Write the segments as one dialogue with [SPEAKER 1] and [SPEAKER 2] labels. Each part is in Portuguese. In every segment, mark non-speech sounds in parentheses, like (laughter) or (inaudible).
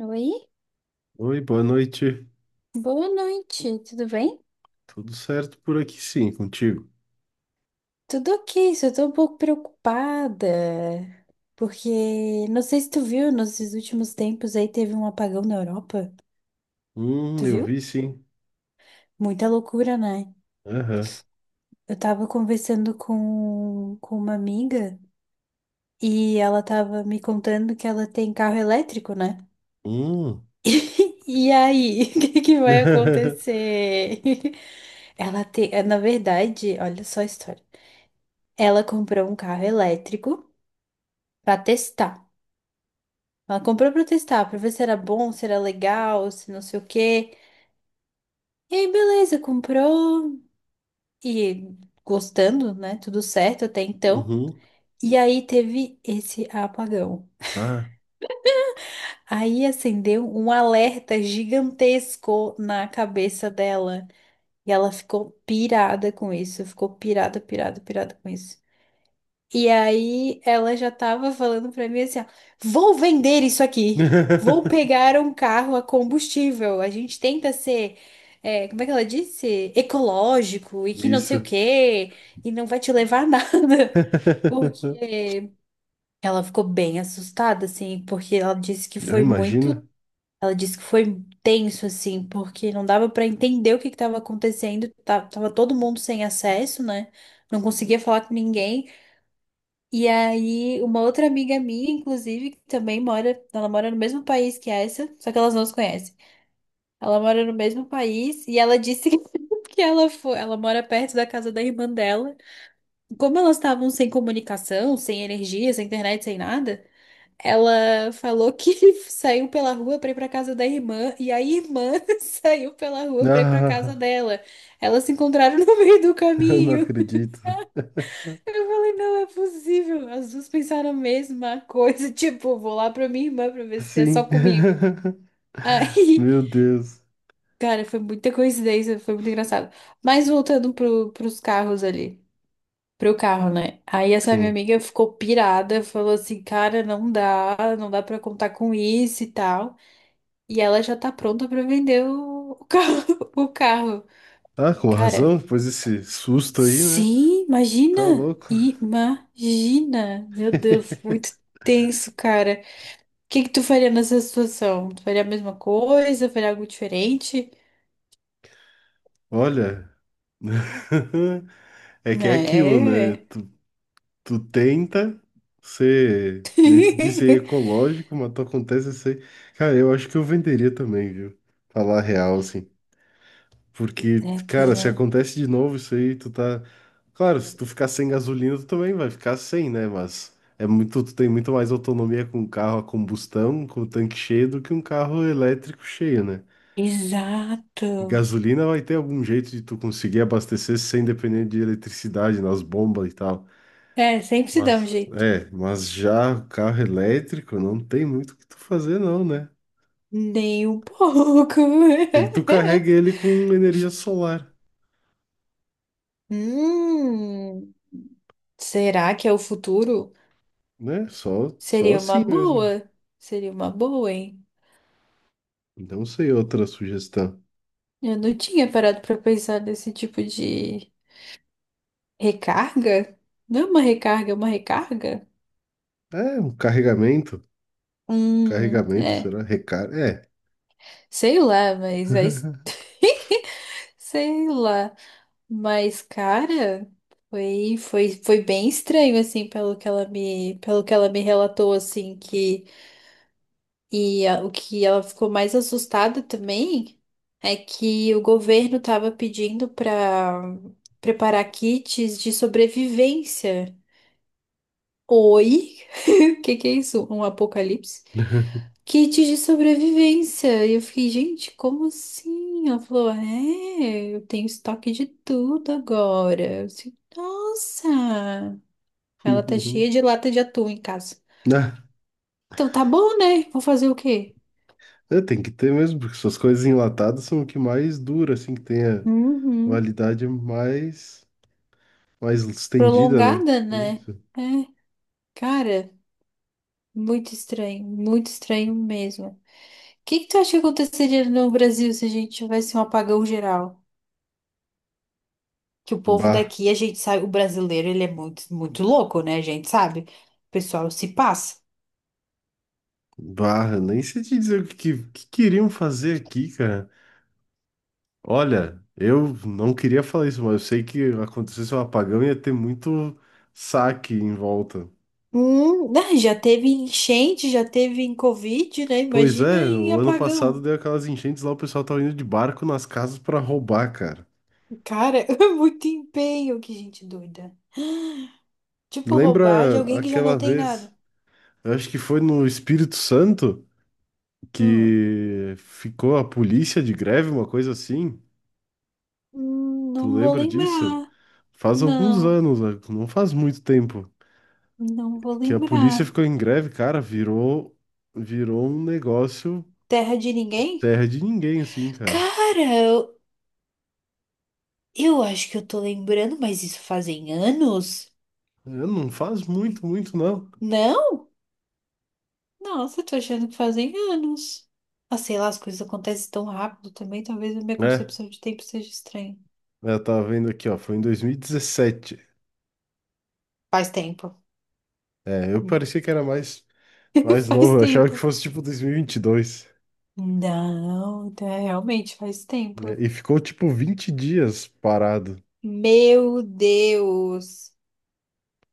[SPEAKER 1] Oi,
[SPEAKER 2] Oi, boa noite.
[SPEAKER 1] boa noite, tudo bem?
[SPEAKER 2] Tudo certo por aqui, sim, contigo?
[SPEAKER 1] Tudo ok, só tô um pouco preocupada, porque não sei se tu viu, nesses últimos tempos aí teve um apagão na Europa, tu
[SPEAKER 2] Eu
[SPEAKER 1] viu?
[SPEAKER 2] vi, sim.
[SPEAKER 1] Muita loucura, né?
[SPEAKER 2] Aham.
[SPEAKER 1] Eu tava conversando com uma amiga e ela tava me contando que ela tem carro elétrico, né?
[SPEAKER 2] Hum.
[SPEAKER 1] (laughs) E aí, (laughs) o que que vai
[SPEAKER 2] (laughs)
[SPEAKER 1] acontecer? (laughs) Ela tem, na verdade, olha só a história. Ela comprou um carro elétrico pra testar. Ela comprou pra testar, pra ver se era bom, se era legal, se não sei o quê. E aí, beleza, comprou e gostando, né? Tudo certo até então.
[SPEAKER 2] Uhum.
[SPEAKER 1] E aí teve esse apagão.
[SPEAKER 2] Ah.
[SPEAKER 1] Aí acendeu um alerta gigantesco na cabeça dela. E ela ficou pirada com isso. Ficou pirada, pirada, pirada com isso. E aí ela já tava falando pra mim assim, ó, vou vender isso aqui. Vou
[SPEAKER 2] (laughs)
[SPEAKER 1] pegar um carro a combustível. A gente tenta ser, como é que ela disse? Ecológico e que não sei o
[SPEAKER 2] Isso.
[SPEAKER 1] quê. E não vai te levar a nada. (laughs)
[SPEAKER 2] (laughs)
[SPEAKER 1] Porque ela ficou bem assustada, assim, porque ela disse que
[SPEAKER 2] Eu
[SPEAKER 1] foi
[SPEAKER 2] imagino.
[SPEAKER 1] muito. Ela disse que foi tenso, assim, porque não dava pra entender o que que tava acontecendo. Tava todo mundo sem acesso, né? Não conseguia falar com ninguém. E aí, uma outra amiga minha, inclusive, que também mora, ela mora no mesmo país que essa, só que elas não se conhecem. Ela mora no mesmo país e ela disse que, (laughs) que ela foi, ela mora perto da casa da irmã dela. Como elas estavam sem comunicação, sem energia, sem internet, sem nada, ela falou que (laughs) saiu pela rua pra ir pra casa da irmã e a irmã (laughs) saiu pela rua pra ir pra casa
[SPEAKER 2] Ah,
[SPEAKER 1] dela. Elas se encontraram no meio do
[SPEAKER 2] (laughs) eu não
[SPEAKER 1] caminho.
[SPEAKER 2] acredito.
[SPEAKER 1] Eu falei, não é possível. As duas pensaram a mesma coisa. (laughs) Tipo, vou lá pra minha irmã pra ver se é só
[SPEAKER 2] Sim.
[SPEAKER 1] comigo.
[SPEAKER 2] (laughs)
[SPEAKER 1] Aí,
[SPEAKER 2] Meu Deus.
[SPEAKER 1] cara, foi muita coincidência, foi muito engraçado. Mas voltando pros carros ali. Pro carro, né? Aí essa minha
[SPEAKER 2] Sim.
[SPEAKER 1] amiga ficou pirada, falou assim, cara, não dá pra contar com isso e tal. E ela já tá pronta pra vender o carro, (laughs) o carro.
[SPEAKER 2] Ah, com
[SPEAKER 1] Cara,
[SPEAKER 2] razão, depois desse susto aí, né?
[SPEAKER 1] sim,
[SPEAKER 2] Tá
[SPEAKER 1] imagina!
[SPEAKER 2] louco.
[SPEAKER 1] Imagina! Meu Deus, muito tenso, cara. O que que tu faria nessa situação? Tu faria a mesma coisa? Faria algo diferente?
[SPEAKER 2] Olha, (laughs) é que é aquilo,
[SPEAKER 1] Né?
[SPEAKER 2] né?
[SPEAKER 1] É,
[SPEAKER 2] Tu tenta ser, que nem tu disse, aí, ecológico, mas tu acontece assim. Cara, eu acho que eu venderia também, viu? Falar a real, assim.
[SPEAKER 1] (laughs)
[SPEAKER 2] Porque,
[SPEAKER 1] é, pois
[SPEAKER 2] cara, se
[SPEAKER 1] é.
[SPEAKER 2] acontece de novo isso aí, tu tá. Claro, se tu ficar sem gasolina, tu também vai ficar sem, né? Mas é muito, tu tem muito mais autonomia com um carro a combustão, com o tanque cheio, do que um carro elétrico cheio, né? E
[SPEAKER 1] Exato.
[SPEAKER 2] gasolina vai ter algum jeito de tu conseguir abastecer sem depender de eletricidade nas bombas e tal.
[SPEAKER 1] É, sempre se dá um
[SPEAKER 2] Mas,
[SPEAKER 1] jeito.
[SPEAKER 2] é, mas já carro elétrico não tem muito o que tu fazer, não, né?
[SPEAKER 1] Nem um pouco.
[SPEAKER 2] Tem que tu carregue ele
[SPEAKER 1] (laughs)
[SPEAKER 2] com energia solar,
[SPEAKER 1] Hum, será que é o futuro?
[SPEAKER 2] né? Só, só
[SPEAKER 1] Seria uma
[SPEAKER 2] assim mesmo.
[SPEAKER 1] boa. Seria uma boa, hein?
[SPEAKER 2] Não sei outra sugestão.
[SPEAKER 1] Eu não tinha parado pra pensar nesse tipo de recarga. Não é uma recarga, é uma recarga?
[SPEAKER 2] É, um carregamento. Carregamento,
[SPEAKER 1] É.
[SPEAKER 2] será? Recarga? É.
[SPEAKER 1] Sei lá, mas aí.
[SPEAKER 2] (laughs)
[SPEAKER 1] (laughs) Sei lá. Mas, cara, foi bem estranho, assim, pelo que ela me relatou, assim, que. O que ela ficou mais assustada também é que o governo estava pedindo para preparar kits de sobrevivência. Oi? (laughs) O que que é isso? Um apocalipse? Kit de sobrevivência. E eu fiquei, gente, como assim? Ela falou, é, eu tenho estoque de tudo agora. Eu disse, nossa! Ela tá cheia de lata de atum em casa.
[SPEAKER 2] Ah,
[SPEAKER 1] Então tá bom, né? Vou fazer o quê?
[SPEAKER 2] é, tem que ter mesmo, porque essas coisas enlatadas são o que mais dura, assim, que tem a
[SPEAKER 1] Uhum.
[SPEAKER 2] validade mais, mais estendida, né?
[SPEAKER 1] Prolongada, né?
[SPEAKER 2] Isso.
[SPEAKER 1] É, cara, muito estranho mesmo. O que que tu acha que aconteceria no Brasil se a gente tivesse um apagão geral? Que o povo
[SPEAKER 2] Bah.
[SPEAKER 1] daqui, a gente sabe, o brasileiro, ele é muito, muito louco, né? A gente sabe. O pessoal se passa.
[SPEAKER 2] Barra, nem sei te dizer o que queriam fazer aqui, cara. Olha, eu não queria falar isso, mas eu sei que acontecesse um apagão e ia ter muito saque em volta.
[SPEAKER 1] Né, já teve enchente, já teve em Covid, né?
[SPEAKER 2] Pois
[SPEAKER 1] Imagina
[SPEAKER 2] é,
[SPEAKER 1] em
[SPEAKER 2] o ano passado
[SPEAKER 1] apagão.
[SPEAKER 2] deu aquelas enchentes lá, o pessoal tava indo de barco nas casas pra roubar, cara.
[SPEAKER 1] Cara, (laughs) é muito empenho, que gente doida. Tipo, roubar de
[SPEAKER 2] Lembra
[SPEAKER 1] alguém que já
[SPEAKER 2] aquela
[SPEAKER 1] não tem
[SPEAKER 2] vez,
[SPEAKER 1] nada.
[SPEAKER 2] eu acho que foi no Espírito Santo,
[SPEAKER 1] Hum,
[SPEAKER 2] que ficou a polícia de greve, uma coisa assim? Tu
[SPEAKER 1] não vou
[SPEAKER 2] lembra disso?
[SPEAKER 1] lembrar.
[SPEAKER 2] Faz alguns
[SPEAKER 1] Não,
[SPEAKER 2] anos, né? Não faz muito tempo.
[SPEAKER 1] não vou
[SPEAKER 2] Que a polícia
[SPEAKER 1] lembrar.
[SPEAKER 2] ficou em greve, cara, virou um negócio
[SPEAKER 1] Terra de ninguém?
[SPEAKER 2] terra de ninguém, assim, cara.
[SPEAKER 1] Cara, eu, eu acho que eu tô lembrando, mas isso fazem anos?
[SPEAKER 2] É, não faz muito, muito, não.
[SPEAKER 1] Não? Nossa, tô achando que fazem anos. Ah, sei lá, as coisas acontecem tão rápido também. Talvez a minha
[SPEAKER 2] É,
[SPEAKER 1] concepção de tempo seja estranha.
[SPEAKER 2] é, eu tava vendo aqui, ó, foi em 2017.
[SPEAKER 1] Faz tempo.
[SPEAKER 2] É, eu
[SPEAKER 1] Hum.
[SPEAKER 2] parecia que era mais,
[SPEAKER 1] (laughs)
[SPEAKER 2] mais
[SPEAKER 1] Faz
[SPEAKER 2] novo, eu achava que
[SPEAKER 1] tempo.
[SPEAKER 2] fosse tipo 2022.
[SPEAKER 1] Não, tá, realmente faz
[SPEAKER 2] Né?
[SPEAKER 1] tempo.
[SPEAKER 2] E ficou tipo 20 dias parado.
[SPEAKER 1] Meu Deus!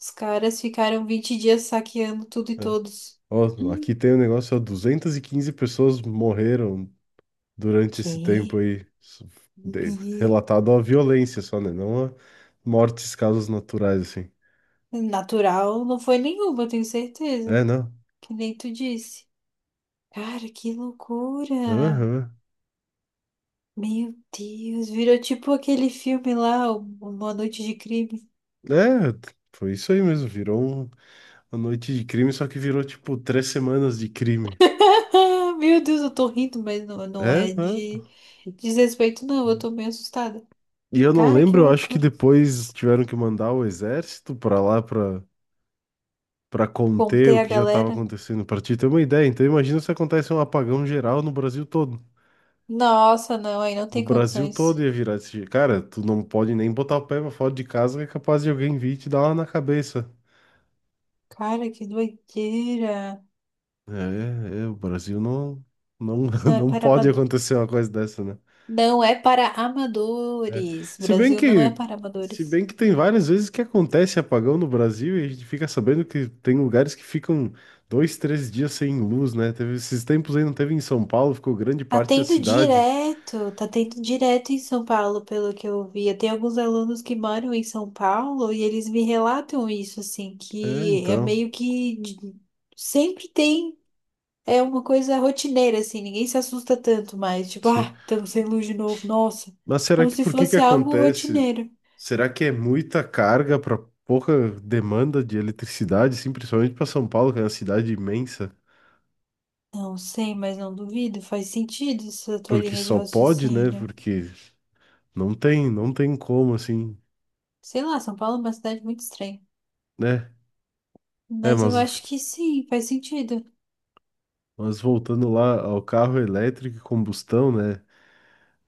[SPEAKER 1] Os caras ficaram 20 dias saqueando tudo e
[SPEAKER 2] Né?
[SPEAKER 1] todos.
[SPEAKER 2] Ó, aqui
[SPEAKER 1] Hum,
[SPEAKER 2] tem um negócio, ó, 215 pessoas morreram durante esse tempo
[SPEAKER 1] Que?
[SPEAKER 2] aí. Isso,
[SPEAKER 1] Bi-
[SPEAKER 2] relatado a violência só, né? Não a mortes, causas naturais, assim.
[SPEAKER 1] Natural não foi nenhuma, eu tenho certeza.
[SPEAKER 2] É, não.
[SPEAKER 1] Que nem tu disse. Cara, que loucura!
[SPEAKER 2] Aham.
[SPEAKER 1] Meu Deus, virou tipo aquele filme lá, o- Uma Noite de Crime.
[SPEAKER 2] Foi isso aí mesmo. Uma noite de crime, só que virou tipo três semanas de crime.
[SPEAKER 1] (laughs) Meu Deus, eu tô rindo, mas não
[SPEAKER 2] É,
[SPEAKER 1] é
[SPEAKER 2] né?
[SPEAKER 1] de desrespeito, não. Eu tô meio assustada.
[SPEAKER 2] E eu não
[SPEAKER 1] Cara, que
[SPEAKER 2] lembro, eu acho que
[SPEAKER 1] loucura.
[SPEAKER 2] depois tiveram que mandar o exército pra lá pra, pra conter
[SPEAKER 1] Contei
[SPEAKER 2] o
[SPEAKER 1] a
[SPEAKER 2] que já tava
[SPEAKER 1] galera.
[SPEAKER 2] acontecendo. Pra te ter uma ideia, então imagina se acontece um apagão geral no Brasil todo.
[SPEAKER 1] Nossa, não, aí não
[SPEAKER 2] O
[SPEAKER 1] tem
[SPEAKER 2] Brasil todo
[SPEAKER 1] condições.
[SPEAKER 2] ia virar esse. Jeito. Cara, tu não pode nem botar o pé pra fora de casa que é capaz de alguém vir e te dar uma na cabeça.
[SPEAKER 1] Cara, que doideira.
[SPEAKER 2] É, é, o Brasil não, não,
[SPEAKER 1] Não
[SPEAKER 2] (laughs)
[SPEAKER 1] é
[SPEAKER 2] não
[SPEAKER 1] para
[SPEAKER 2] pode
[SPEAKER 1] amado-
[SPEAKER 2] acontecer uma coisa dessa, né?
[SPEAKER 1] Não é para
[SPEAKER 2] É.
[SPEAKER 1] amadores.
[SPEAKER 2] Se bem
[SPEAKER 1] Brasil não é
[SPEAKER 2] que,
[SPEAKER 1] para
[SPEAKER 2] se
[SPEAKER 1] amadores.
[SPEAKER 2] bem que tem várias vezes que acontece apagão no Brasil e a gente fica sabendo que tem lugares que ficam dois, três dias sem luz, né? Teve esses tempos aí, não teve em São Paulo, ficou grande parte da cidade.
[SPEAKER 1] Tá tendo direto em São Paulo, pelo que eu vi. Eu tenho alguns alunos que moram em São Paulo e eles me relatam isso, assim,
[SPEAKER 2] É,
[SPEAKER 1] que é
[SPEAKER 2] então,
[SPEAKER 1] meio que de- sempre tem, é uma coisa rotineira, assim, ninguém se assusta tanto mais, tipo,
[SPEAKER 2] sim.
[SPEAKER 1] ah, estamos sem luz de novo, nossa,
[SPEAKER 2] Mas será
[SPEAKER 1] como
[SPEAKER 2] que
[SPEAKER 1] se
[SPEAKER 2] por que que
[SPEAKER 1] fosse algo
[SPEAKER 2] acontece?
[SPEAKER 1] rotineiro.
[SPEAKER 2] Será que é muita carga para pouca demanda de eletricidade, assim, principalmente para São Paulo, que é uma cidade imensa?
[SPEAKER 1] Não sei, mas não duvido, faz sentido essa tua
[SPEAKER 2] Porque
[SPEAKER 1] linha de
[SPEAKER 2] só pode, né?
[SPEAKER 1] raciocínio.
[SPEAKER 2] Porque não tem como, assim,
[SPEAKER 1] Sei lá, São Paulo é uma cidade muito estranha,
[SPEAKER 2] né? É,
[SPEAKER 1] mas
[SPEAKER 2] mas
[SPEAKER 1] eu acho que sim, faz sentido.
[SPEAKER 2] Mas voltando lá ao carro elétrico e combustão, né?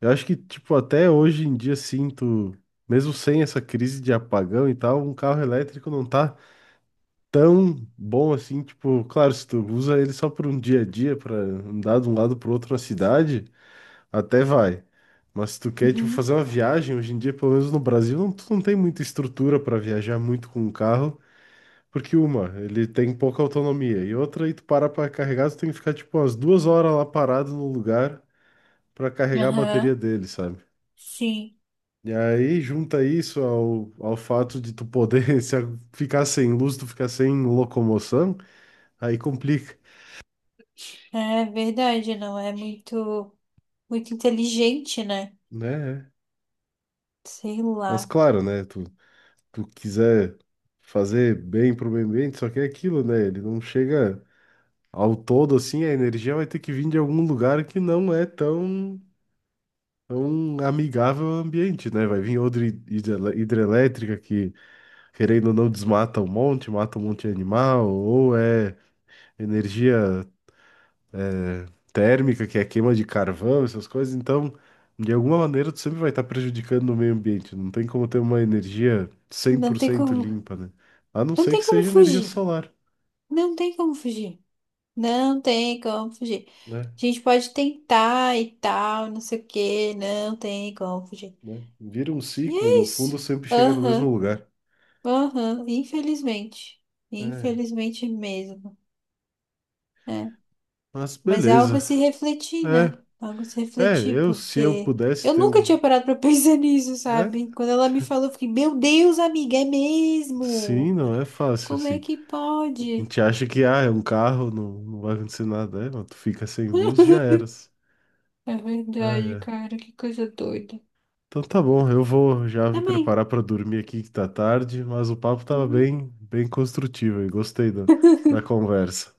[SPEAKER 2] Eu acho que, tipo, até hoje em dia sinto, mesmo sem essa crise de apagão e tal, um carro elétrico não tá tão bom assim. Tipo, claro, se tu usa ele só por um dia a dia, pra andar de um lado pro outro na cidade, até vai. Mas se tu quer, tipo,
[SPEAKER 1] Uhum.
[SPEAKER 2] fazer uma viagem, hoje em dia, pelo menos no Brasil, não, tu não tem muita estrutura pra viajar muito com o carro. Porque uma, ele tem pouca autonomia, e outra, aí tu para pra carregar, tu tem que ficar tipo umas 2 horas lá parado no lugar pra carregar a bateria
[SPEAKER 1] Aham.
[SPEAKER 2] dele, sabe?
[SPEAKER 1] Sim,
[SPEAKER 2] E aí junta isso ao fato de tu poder (laughs) se a- ficar sem luz, tu ficar sem locomoção, aí complica,
[SPEAKER 1] é verdade, não é muito inteligente, né?
[SPEAKER 2] né?
[SPEAKER 1] Sei
[SPEAKER 2] Mas
[SPEAKER 1] lá.
[SPEAKER 2] claro, né? Tu, tu quiser fazer bem pro meio ambiente, só que é aquilo, né? Ele não chega ao todo assim, a energia vai ter que vir de algum lugar que não é tão é um amigável ao ambiente, né? Vai vir outra hidrelétrica que, querendo ou não, desmata um monte, mata um monte de animal, ou é energia é, térmica, que é queima de carvão, essas coisas. Então, de alguma maneira, tu sempre vai estar prejudicando o meio ambiente. Não tem como ter uma energia cem
[SPEAKER 1] Não
[SPEAKER 2] por
[SPEAKER 1] tem
[SPEAKER 2] cento
[SPEAKER 1] como,
[SPEAKER 2] limpa, né? A não
[SPEAKER 1] não
[SPEAKER 2] ser que
[SPEAKER 1] tem como
[SPEAKER 2] seja energia
[SPEAKER 1] fugir.
[SPEAKER 2] solar,
[SPEAKER 1] Não tem como fugir. Não tem como fugir.
[SPEAKER 2] né?
[SPEAKER 1] A gente pode tentar e tal, não sei o quê, não tem como fugir.
[SPEAKER 2] Né? Vira um
[SPEAKER 1] E
[SPEAKER 2] ciclo,
[SPEAKER 1] é
[SPEAKER 2] no fundo
[SPEAKER 1] isso.
[SPEAKER 2] sempre chega no mesmo
[SPEAKER 1] Aham,
[SPEAKER 2] lugar.
[SPEAKER 1] aham, infelizmente.
[SPEAKER 2] É.
[SPEAKER 1] Infelizmente mesmo. Né?
[SPEAKER 2] Mas
[SPEAKER 1] Mas é algo
[SPEAKER 2] beleza.
[SPEAKER 1] a se refletir, né?
[SPEAKER 2] É,
[SPEAKER 1] Algo a se
[SPEAKER 2] é,
[SPEAKER 1] refletir,
[SPEAKER 2] eu se eu
[SPEAKER 1] porque
[SPEAKER 2] pudesse
[SPEAKER 1] eu
[SPEAKER 2] ter
[SPEAKER 1] nunca
[SPEAKER 2] um.
[SPEAKER 1] tinha parado pra (laughs) pensar nisso,
[SPEAKER 2] É?
[SPEAKER 1] sabe? Quando ela me falou, eu fiquei, meu Deus, amiga, é
[SPEAKER 2] Sim,
[SPEAKER 1] mesmo?
[SPEAKER 2] não é fácil,
[SPEAKER 1] Como é
[SPEAKER 2] assim.
[SPEAKER 1] que
[SPEAKER 2] A
[SPEAKER 1] pode?
[SPEAKER 2] gente acha que, ah, é um carro, não, não vai acontecer nada. É, mas tu fica sem luz, já
[SPEAKER 1] (laughs)
[SPEAKER 2] eras.
[SPEAKER 1] É
[SPEAKER 2] Ah,
[SPEAKER 1] verdade,
[SPEAKER 2] é.
[SPEAKER 1] cara, que coisa doida.
[SPEAKER 2] Então tá bom, eu vou já me
[SPEAKER 1] Também.
[SPEAKER 2] preparar pra dormir aqui que tá tarde, mas o papo tava
[SPEAKER 1] Uhum.
[SPEAKER 2] bem, bem construtivo e gostei da, da conversa.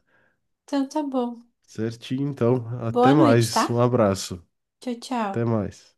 [SPEAKER 1] Então tá bom.
[SPEAKER 2] Certinho, então. Até
[SPEAKER 1] Boa noite,
[SPEAKER 2] mais.
[SPEAKER 1] tá?
[SPEAKER 2] Um abraço.
[SPEAKER 1] Tchau,
[SPEAKER 2] Até
[SPEAKER 1] tchau.
[SPEAKER 2] mais.